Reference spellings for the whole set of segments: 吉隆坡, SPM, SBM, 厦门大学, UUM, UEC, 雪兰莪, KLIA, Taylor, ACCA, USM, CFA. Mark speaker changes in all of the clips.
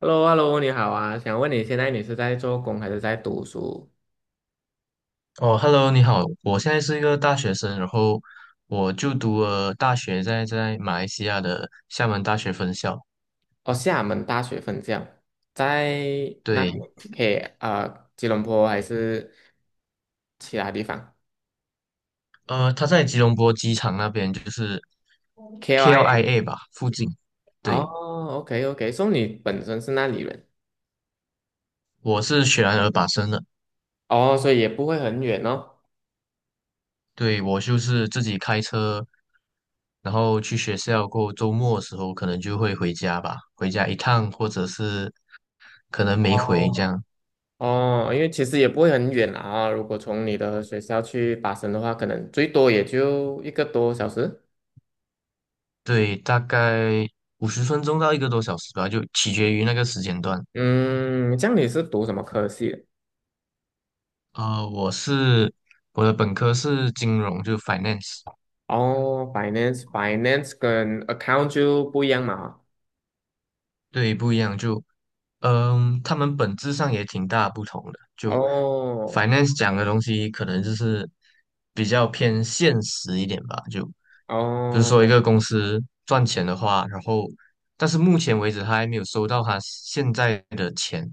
Speaker 1: h e l l o h e l l o 你好啊，想问你现在你是在做工还是在读书？
Speaker 2: 哦，Hello，你好，我现在是一个大学生，然后我就读了大学在马来西亚的厦门大学分校，
Speaker 1: 哦，厦门大学分校在那里
Speaker 2: 对。
Speaker 1: ？K 啊、吉隆坡还是其他地方。
Speaker 2: 他在吉隆坡机场那边，就是
Speaker 1: k l i A。
Speaker 2: KLIA 吧附近，对，
Speaker 1: 哦，OK OK，所以你本身是那里人？
Speaker 2: 我是雪兰莪巴生的。
Speaker 1: 哦，所以也不会很远哦。
Speaker 2: 对，我就是自己开车，然后去学校，过后周末的时候可能就会回家吧，回家一趟或者是可能没回这
Speaker 1: 哦
Speaker 2: 样。
Speaker 1: 哦，因为其实也不会很远啦啊，如果从你的学校去巴生的话，可能最多也就一个多小时。
Speaker 2: 对，大概50分钟到一个多小时吧，就取决于那个时间段。
Speaker 1: 嗯，这样你是读什么科系的？
Speaker 2: 呃，我是我的本科是金融，就 finance。
Speaker 1: 哦，finance 跟 account 就不一样嘛。
Speaker 2: 对，不一样，就他们本质上也挺大不同的。就
Speaker 1: 哦
Speaker 2: finance 讲的东西，可能就是比较偏现实一点吧。就比如说一
Speaker 1: 哦，
Speaker 2: 个公司赚钱的话，然后但是目前为止他还没有收到他现在的钱，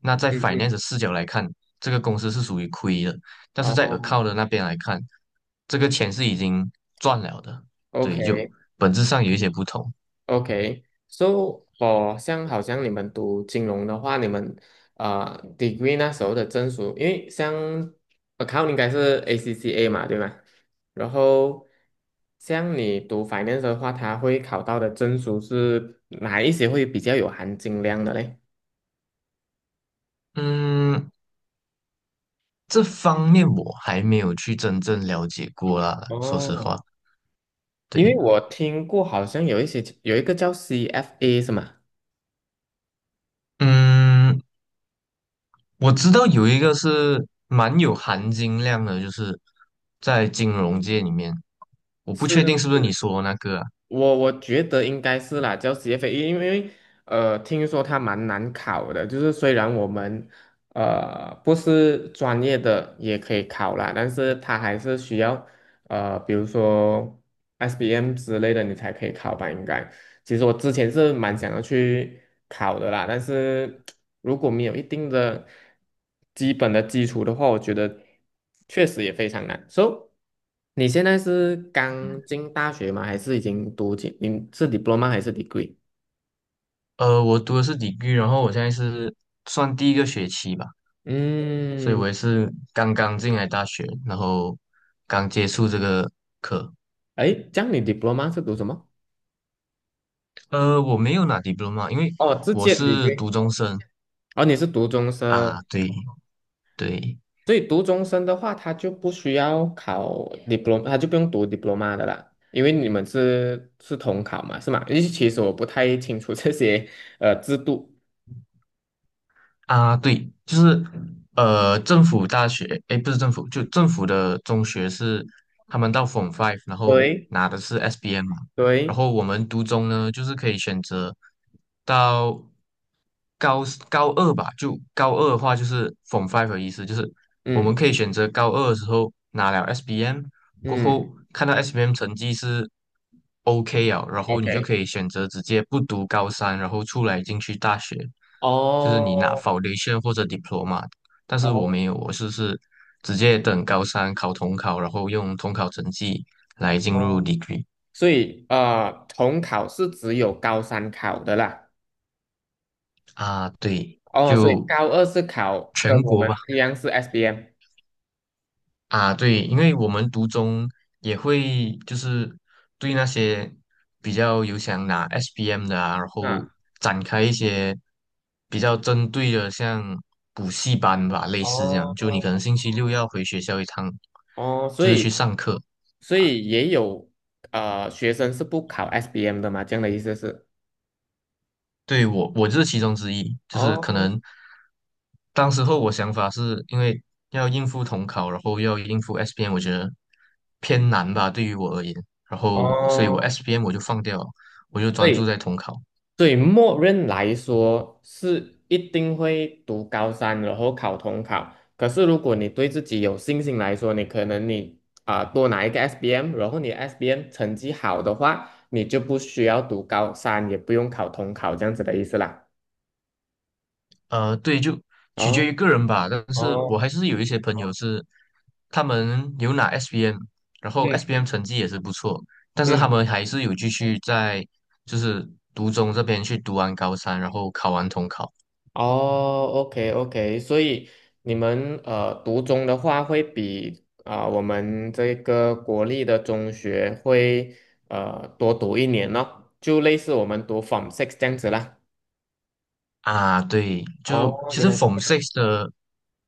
Speaker 2: 那在
Speaker 1: 嗯嗯，
Speaker 2: finance 的视角来看，这个公司是属于亏的。但是在
Speaker 1: 哦
Speaker 2: account 的那边来看，这个钱是已经赚了的。
Speaker 1: ，OK
Speaker 2: 对，就本质上有一些不同。
Speaker 1: OK。So f 像好像你们读金融的话，你们degree 那时候的证书，因为像 account 应该是 ACCA 嘛，对吗？然后像你读 finance 的话，它会考到的证书是哪一些会比较有含金量的嘞？
Speaker 2: 嗯，这方面我还没有去真正了解过啦，说实
Speaker 1: 哦，
Speaker 2: 话，
Speaker 1: 因为
Speaker 2: 对。
Speaker 1: 我听过，好像有一些有一个叫 CFA 是吗？
Speaker 2: 嗯，我知道有一个是蛮有含金量的，就是在金融界里面，我不确定是不
Speaker 1: 是，
Speaker 2: 是你说的那个啊。
Speaker 1: 我觉得应该是啦，叫 CFA，因为听说它蛮难考的，就是虽然我们不是专业的也可以考啦，但是它还是需要比如说 SBM 之类的你才可以考吧，应该。其实我之前是蛮想要去考的啦，但是 如果没有一定的基本的基础的话，我觉得确实也非常难。So，你现在是刚进大学吗？还是已经读进？你是 diploma 还是 degree？
Speaker 2: 我读的是 degree,然后我现在是算第一个学期吧，所以
Speaker 1: 嗯，
Speaker 2: 我也是刚刚进来大学，然后刚接触这个课。
Speaker 1: 哎，这样你 diploma 是读什么？
Speaker 2: 我没有拿 diploma,因为
Speaker 1: 哦，直
Speaker 2: 我
Speaker 1: 接
Speaker 2: 是
Speaker 1: degree。
Speaker 2: 读中生
Speaker 1: 哦，你是读中
Speaker 2: 啊，
Speaker 1: 生。
Speaker 2: 对对。
Speaker 1: 所以读中生的话，他就不需要考 diploma，他就不用读 diploma 的啦，因为你们是统考嘛，是吗？因为其实我不太清楚这些制度。
Speaker 2: 啊，对，就是政府大学，诶，不是政府，就政府的中学是他们到 Form Five,然后
Speaker 1: 对
Speaker 2: 拿的是 SBM 嘛。然
Speaker 1: 对，
Speaker 2: 后我们读中呢，就是可以选择到高二吧，就高二的话就是 Form Five 的意思，就是我们
Speaker 1: 嗯
Speaker 2: 可以选择高二的时候拿了 SBM,过
Speaker 1: 嗯
Speaker 2: 后看到 SBM 成绩是 OK 啊，然后你就
Speaker 1: ，OK，
Speaker 2: 可以选择直接不读高三，然后出来进去大学，就是你拿
Speaker 1: 哦
Speaker 2: Foundation 或者 Diploma。但是我
Speaker 1: 哦
Speaker 2: 没有，我是直接等高三考统考，然后用统考成绩来进入
Speaker 1: 哦，
Speaker 2: degree。
Speaker 1: 所以统考是只有高三考的啦。
Speaker 2: 啊，对，
Speaker 1: 哦，所以
Speaker 2: 就
Speaker 1: 高二是考跟
Speaker 2: 全
Speaker 1: 我
Speaker 2: 国
Speaker 1: 们
Speaker 2: 吧。
Speaker 1: 一样是 SBM
Speaker 2: 啊，对，因为我们读中也会就是对那些比较有想拿 SPM 的啊，然后
Speaker 1: 啊。
Speaker 2: 展开一些比较针对的，像补习班吧，类似这样。就你
Speaker 1: 哦
Speaker 2: 可能星期六要回学校一趟，
Speaker 1: 哦，所
Speaker 2: 就是去
Speaker 1: 以。
Speaker 2: 上课。
Speaker 1: 所以也有学生是不考 SBM 的嘛？这样的意思是？
Speaker 2: 对，我就是其中之一，就是可
Speaker 1: 哦
Speaker 2: 能当时候我想法是因为要应付统考，然后要应付 SPM,我觉得偏难吧，对于我而言，然后所以我
Speaker 1: 哦，
Speaker 2: SPM 我就放掉了，我就专注
Speaker 1: 对，
Speaker 2: 在统考。
Speaker 1: 对，默认来说是一定会读高三，然后考统考。可是如果你对自己有信心来说，你可能你啊、多拿一个 SBM，然后你 SBM 成绩好的话，你就不需要读高三，也不用考统考这样子的意思啦。
Speaker 2: 对，就取决于
Speaker 1: 哦
Speaker 2: 个人吧，但是我还
Speaker 1: 哦，
Speaker 2: 是有一些朋友是他们有拿 SPM,然后
Speaker 1: 嗯
Speaker 2: SPM 成绩也是不错，但是他
Speaker 1: 嗯。
Speaker 2: 们还是有继续在就是读中这边去读完高三，然后考完统考。
Speaker 1: 哦，OK OK，所以你们读中的话，会比啊、我们这个国立的中学会多读一年咯，就类似我们读 Form Six 这样子啦。
Speaker 2: 啊，对，就
Speaker 1: 哦，
Speaker 2: 其
Speaker 1: 原
Speaker 2: 实
Speaker 1: 来，
Speaker 2: Form Six 的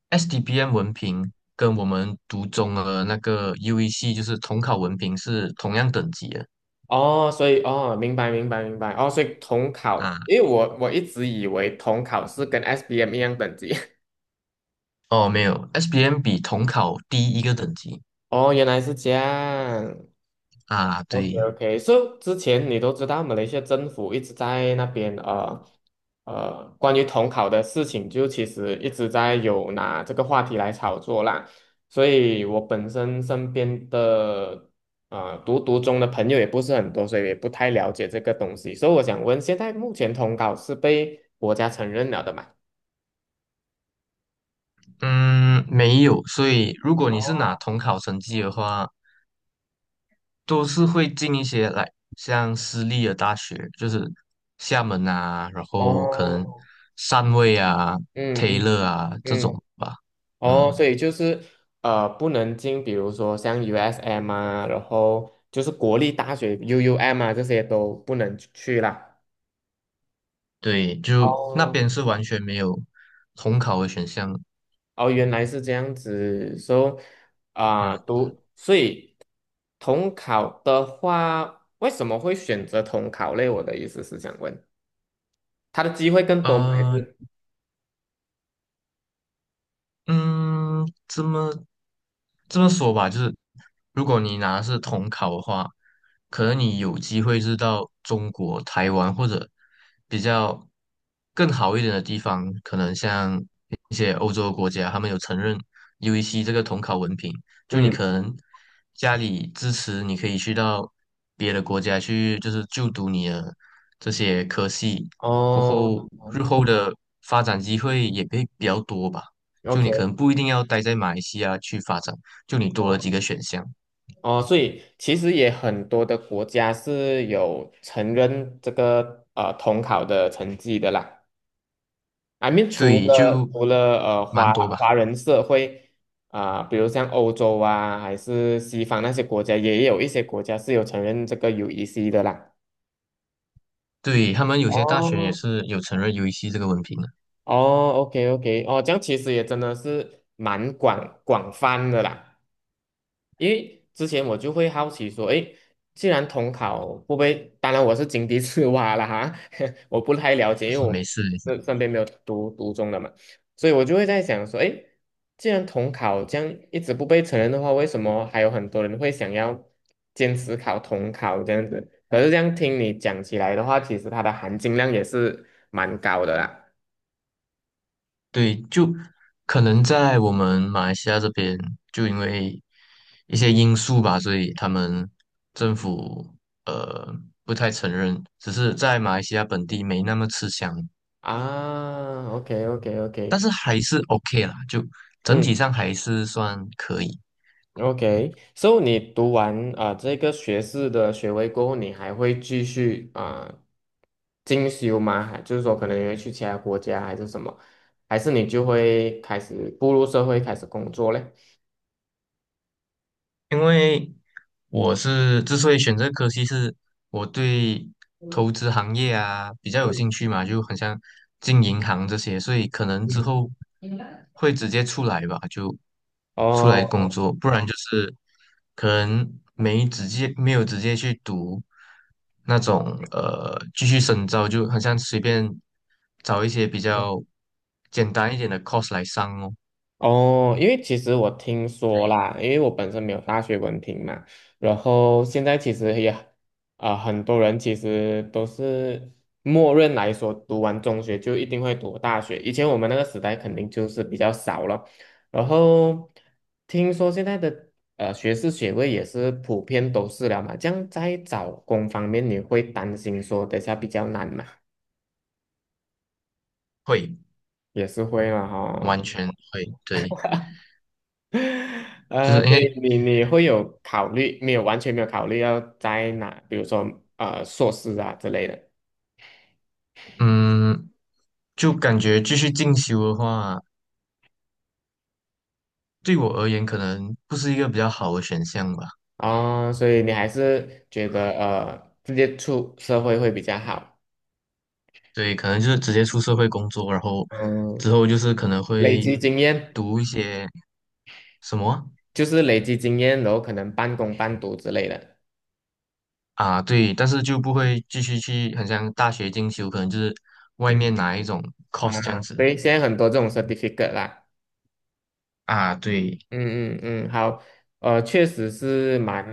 Speaker 2: SDBM 文凭跟我们读中的那个 UEC 就是统考文凭是同样等级的
Speaker 1: 哦，所以哦，明白明白明白。哦，所以统考，因
Speaker 2: 啊。
Speaker 1: 为我一直以为统考是跟 s B m 一样等级，
Speaker 2: 哦，没有 SBM 比统考低一个等级
Speaker 1: 哦，原来是这样。
Speaker 2: 啊。
Speaker 1: OK
Speaker 2: 对。
Speaker 1: OK，so， 之前你都知道，马来西亚政府一直在那边关于统考的事情，就其实一直在有拿这个话题来炒作啦。所以我本身身边的读读中的朋友也不是很多，所以也不太了解这个东西。所以我想问，现在目前统考是被国家承认了的嘛？
Speaker 2: 嗯，没有。所以如果你是拿
Speaker 1: 哦
Speaker 2: 统考成绩的话，都是会进一些来像私立的大学，就是厦门啊，然后可能
Speaker 1: 哦，
Speaker 2: 汕尾啊、
Speaker 1: 嗯嗯
Speaker 2: Taylor 啊这
Speaker 1: 嗯，
Speaker 2: 种吧。
Speaker 1: 哦，所
Speaker 2: 嗯。
Speaker 1: 以就是不能进，比如说像 USM 啊，然后就是国立大学 UUM 啊，这些都不能去啦。
Speaker 2: 对，就那
Speaker 1: 哦，
Speaker 2: 边是完全没有统考的选项。
Speaker 1: 哦，原来是这样子，所以啊，
Speaker 2: 嗯，
Speaker 1: 读，所以统考的话，为什么会选择统考类？我的意思是想问，他的机会更多吗？还
Speaker 2: 呃，
Speaker 1: 是
Speaker 2: 嗯，这么这么说吧，就是如果你拿的是统考的话，可能你有机会是到中国、台湾或者比较更好一点的地方，可能像一些欧洲国家，他们有承认 UEC 这个统考文凭，就你
Speaker 1: 嗯，
Speaker 2: 可能家里支持，你可以去到别的国家去，就是就读你的这些科系，过
Speaker 1: 哦
Speaker 2: 后日后的发展机会也会比较多吧。就你可
Speaker 1: ，OK。
Speaker 2: 能不一定要待在马来西亚去发展，就你多了几个选项。
Speaker 1: 哦，所以其实也很多的国家是有承认这个统考的成绩的啦。I mean，除
Speaker 2: 对，
Speaker 1: 了
Speaker 2: 就
Speaker 1: 除了
Speaker 2: 蛮
Speaker 1: 华
Speaker 2: 多吧。
Speaker 1: 华人社会啊、比如像欧洲啊，还是西方那些国家，也有一些国家是有承认这个 UEC 的啦。
Speaker 2: 对，他们有些大学也
Speaker 1: 哦
Speaker 2: 是有承认 UEC 这个文凭的，
Speaker 1: 哦，OK OK，哦，这样其实也真的是蛮广泛的啦。因为之前我就会好奇说，诶，既然统考会不被，当然我是井底之蛙了哈，我不太了解，
Speaker 2: 就
Speaker 1: 因为
Speaker 2: 是
Speaker 1: 我
Speaker 2: 没事没事。
Speaker 1: 身边没有读读中的嘛，所以我就会在想说，诶，既然统考这样一直不被承认的话，为什么还有很多人会想要坚持考统考这样子？可是这样听你讲起来的话，其实它的含金量也是蛮高的啦。
Speaker 2: 对，就可能在我们马来西亚这边，就因为一些因素吧，所以他们政府呃不太承认，只是在马来西亚本地没那么吃香，
Speaker 1: 啊，OK OK
Speaker 2: 但
Speaker 1: OK，
Speaker 2: 是还是 OK 啦，就整体
Speaker 1: 嗯。
Speaker 2: 上还是算可以。
Speaker 1: OK，so 你读完啊、这个学士的学位过后，你还会继续啊、进修吗？还就是说，可能你会去其他国家还是什么？还是你就会开始步入社会开始工作嘞？
Speaker 2: 因为我是之所以选择科系，是我对投资行业啊比较有
Speaker 1: 嗯
Speaker 2: 兴趣嘛，就很像进银行这些，所以可能之
Speaker 1: 嗯，
Speaker 2: 后会直接出来吧，就出来工
Speaker 1: 哦
Speaker 2: 作。不然就是可能没直接没有直接去读那种继续深造，就很像随便找一些比较简单一点的 course 来上哦。
Speaker 1: 哦，因为其实我听说啦，因为我本身没有大学文凭嘛，然后现在其实也，啊、很多人其实都是默认来说，读完中学就一定会读大学。以前我们那个时代肯定就是比较少了，然后听说现在的学士学位也是普遍都是了嘛，这样在找工方面你会担心说等下比较难嘛？
Speaker 2: 会
Speaker 1: 也是会嘛哈、
Speaker 2: 完全会对。就是因为
Speaker 1: 对你会有考虑没有？完全没有考虑要在哪，比如说硕士啊之类的。
Speaker 2: 嗯，就感觉继续进修的话，对我而言可能不是一个比较好的选项吧。
Speaker 1: 啊、所以你还是觉得直接出社会会比较好。
Speaker 2: 对，可能就是直接出社会工作，然后
Speaker 1: 嗯，
Speaker 2: 之后就是可能
Speaker 1: 累
Speaker 2: 会
Speaker 1: 积经验，
Speaker 2: 读一些什么
Speaker 1: 就是累积经验，然后可能半工半读之类的。
Speaker 2: 啊。对，但是就不会继续去，很像大学进修，可能就是外
Speaker 1: 嗯
Speaker 2: 面拿一种
Speaker 1: 啊，
Speaker 2: course 这样
Speaker 1: 所
Speaker 2: 子
Speaker 1: 以现在很多这种 certificate 啦。
Speaker 2: 啊。对，
Speaker 1: 嗯嗯嗯，好，确实是蛮，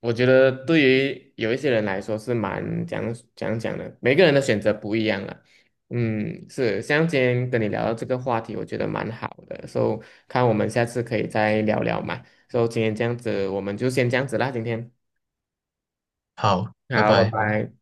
Speaker 1: 我觉得对于有一些人来说是蛮讲的，每个人的选择不一样了。嗯，是，像今天跟你聊到这个话题，我觉得蛮好的，所以看我们下次可以再聊聊嘛。所以今天这样子，我们就先这样子啦，今天。
Speaker 2: 好，拜
Speaker 1: 好，拜
Speaker 2: 拜。
Speaker 1: 拜。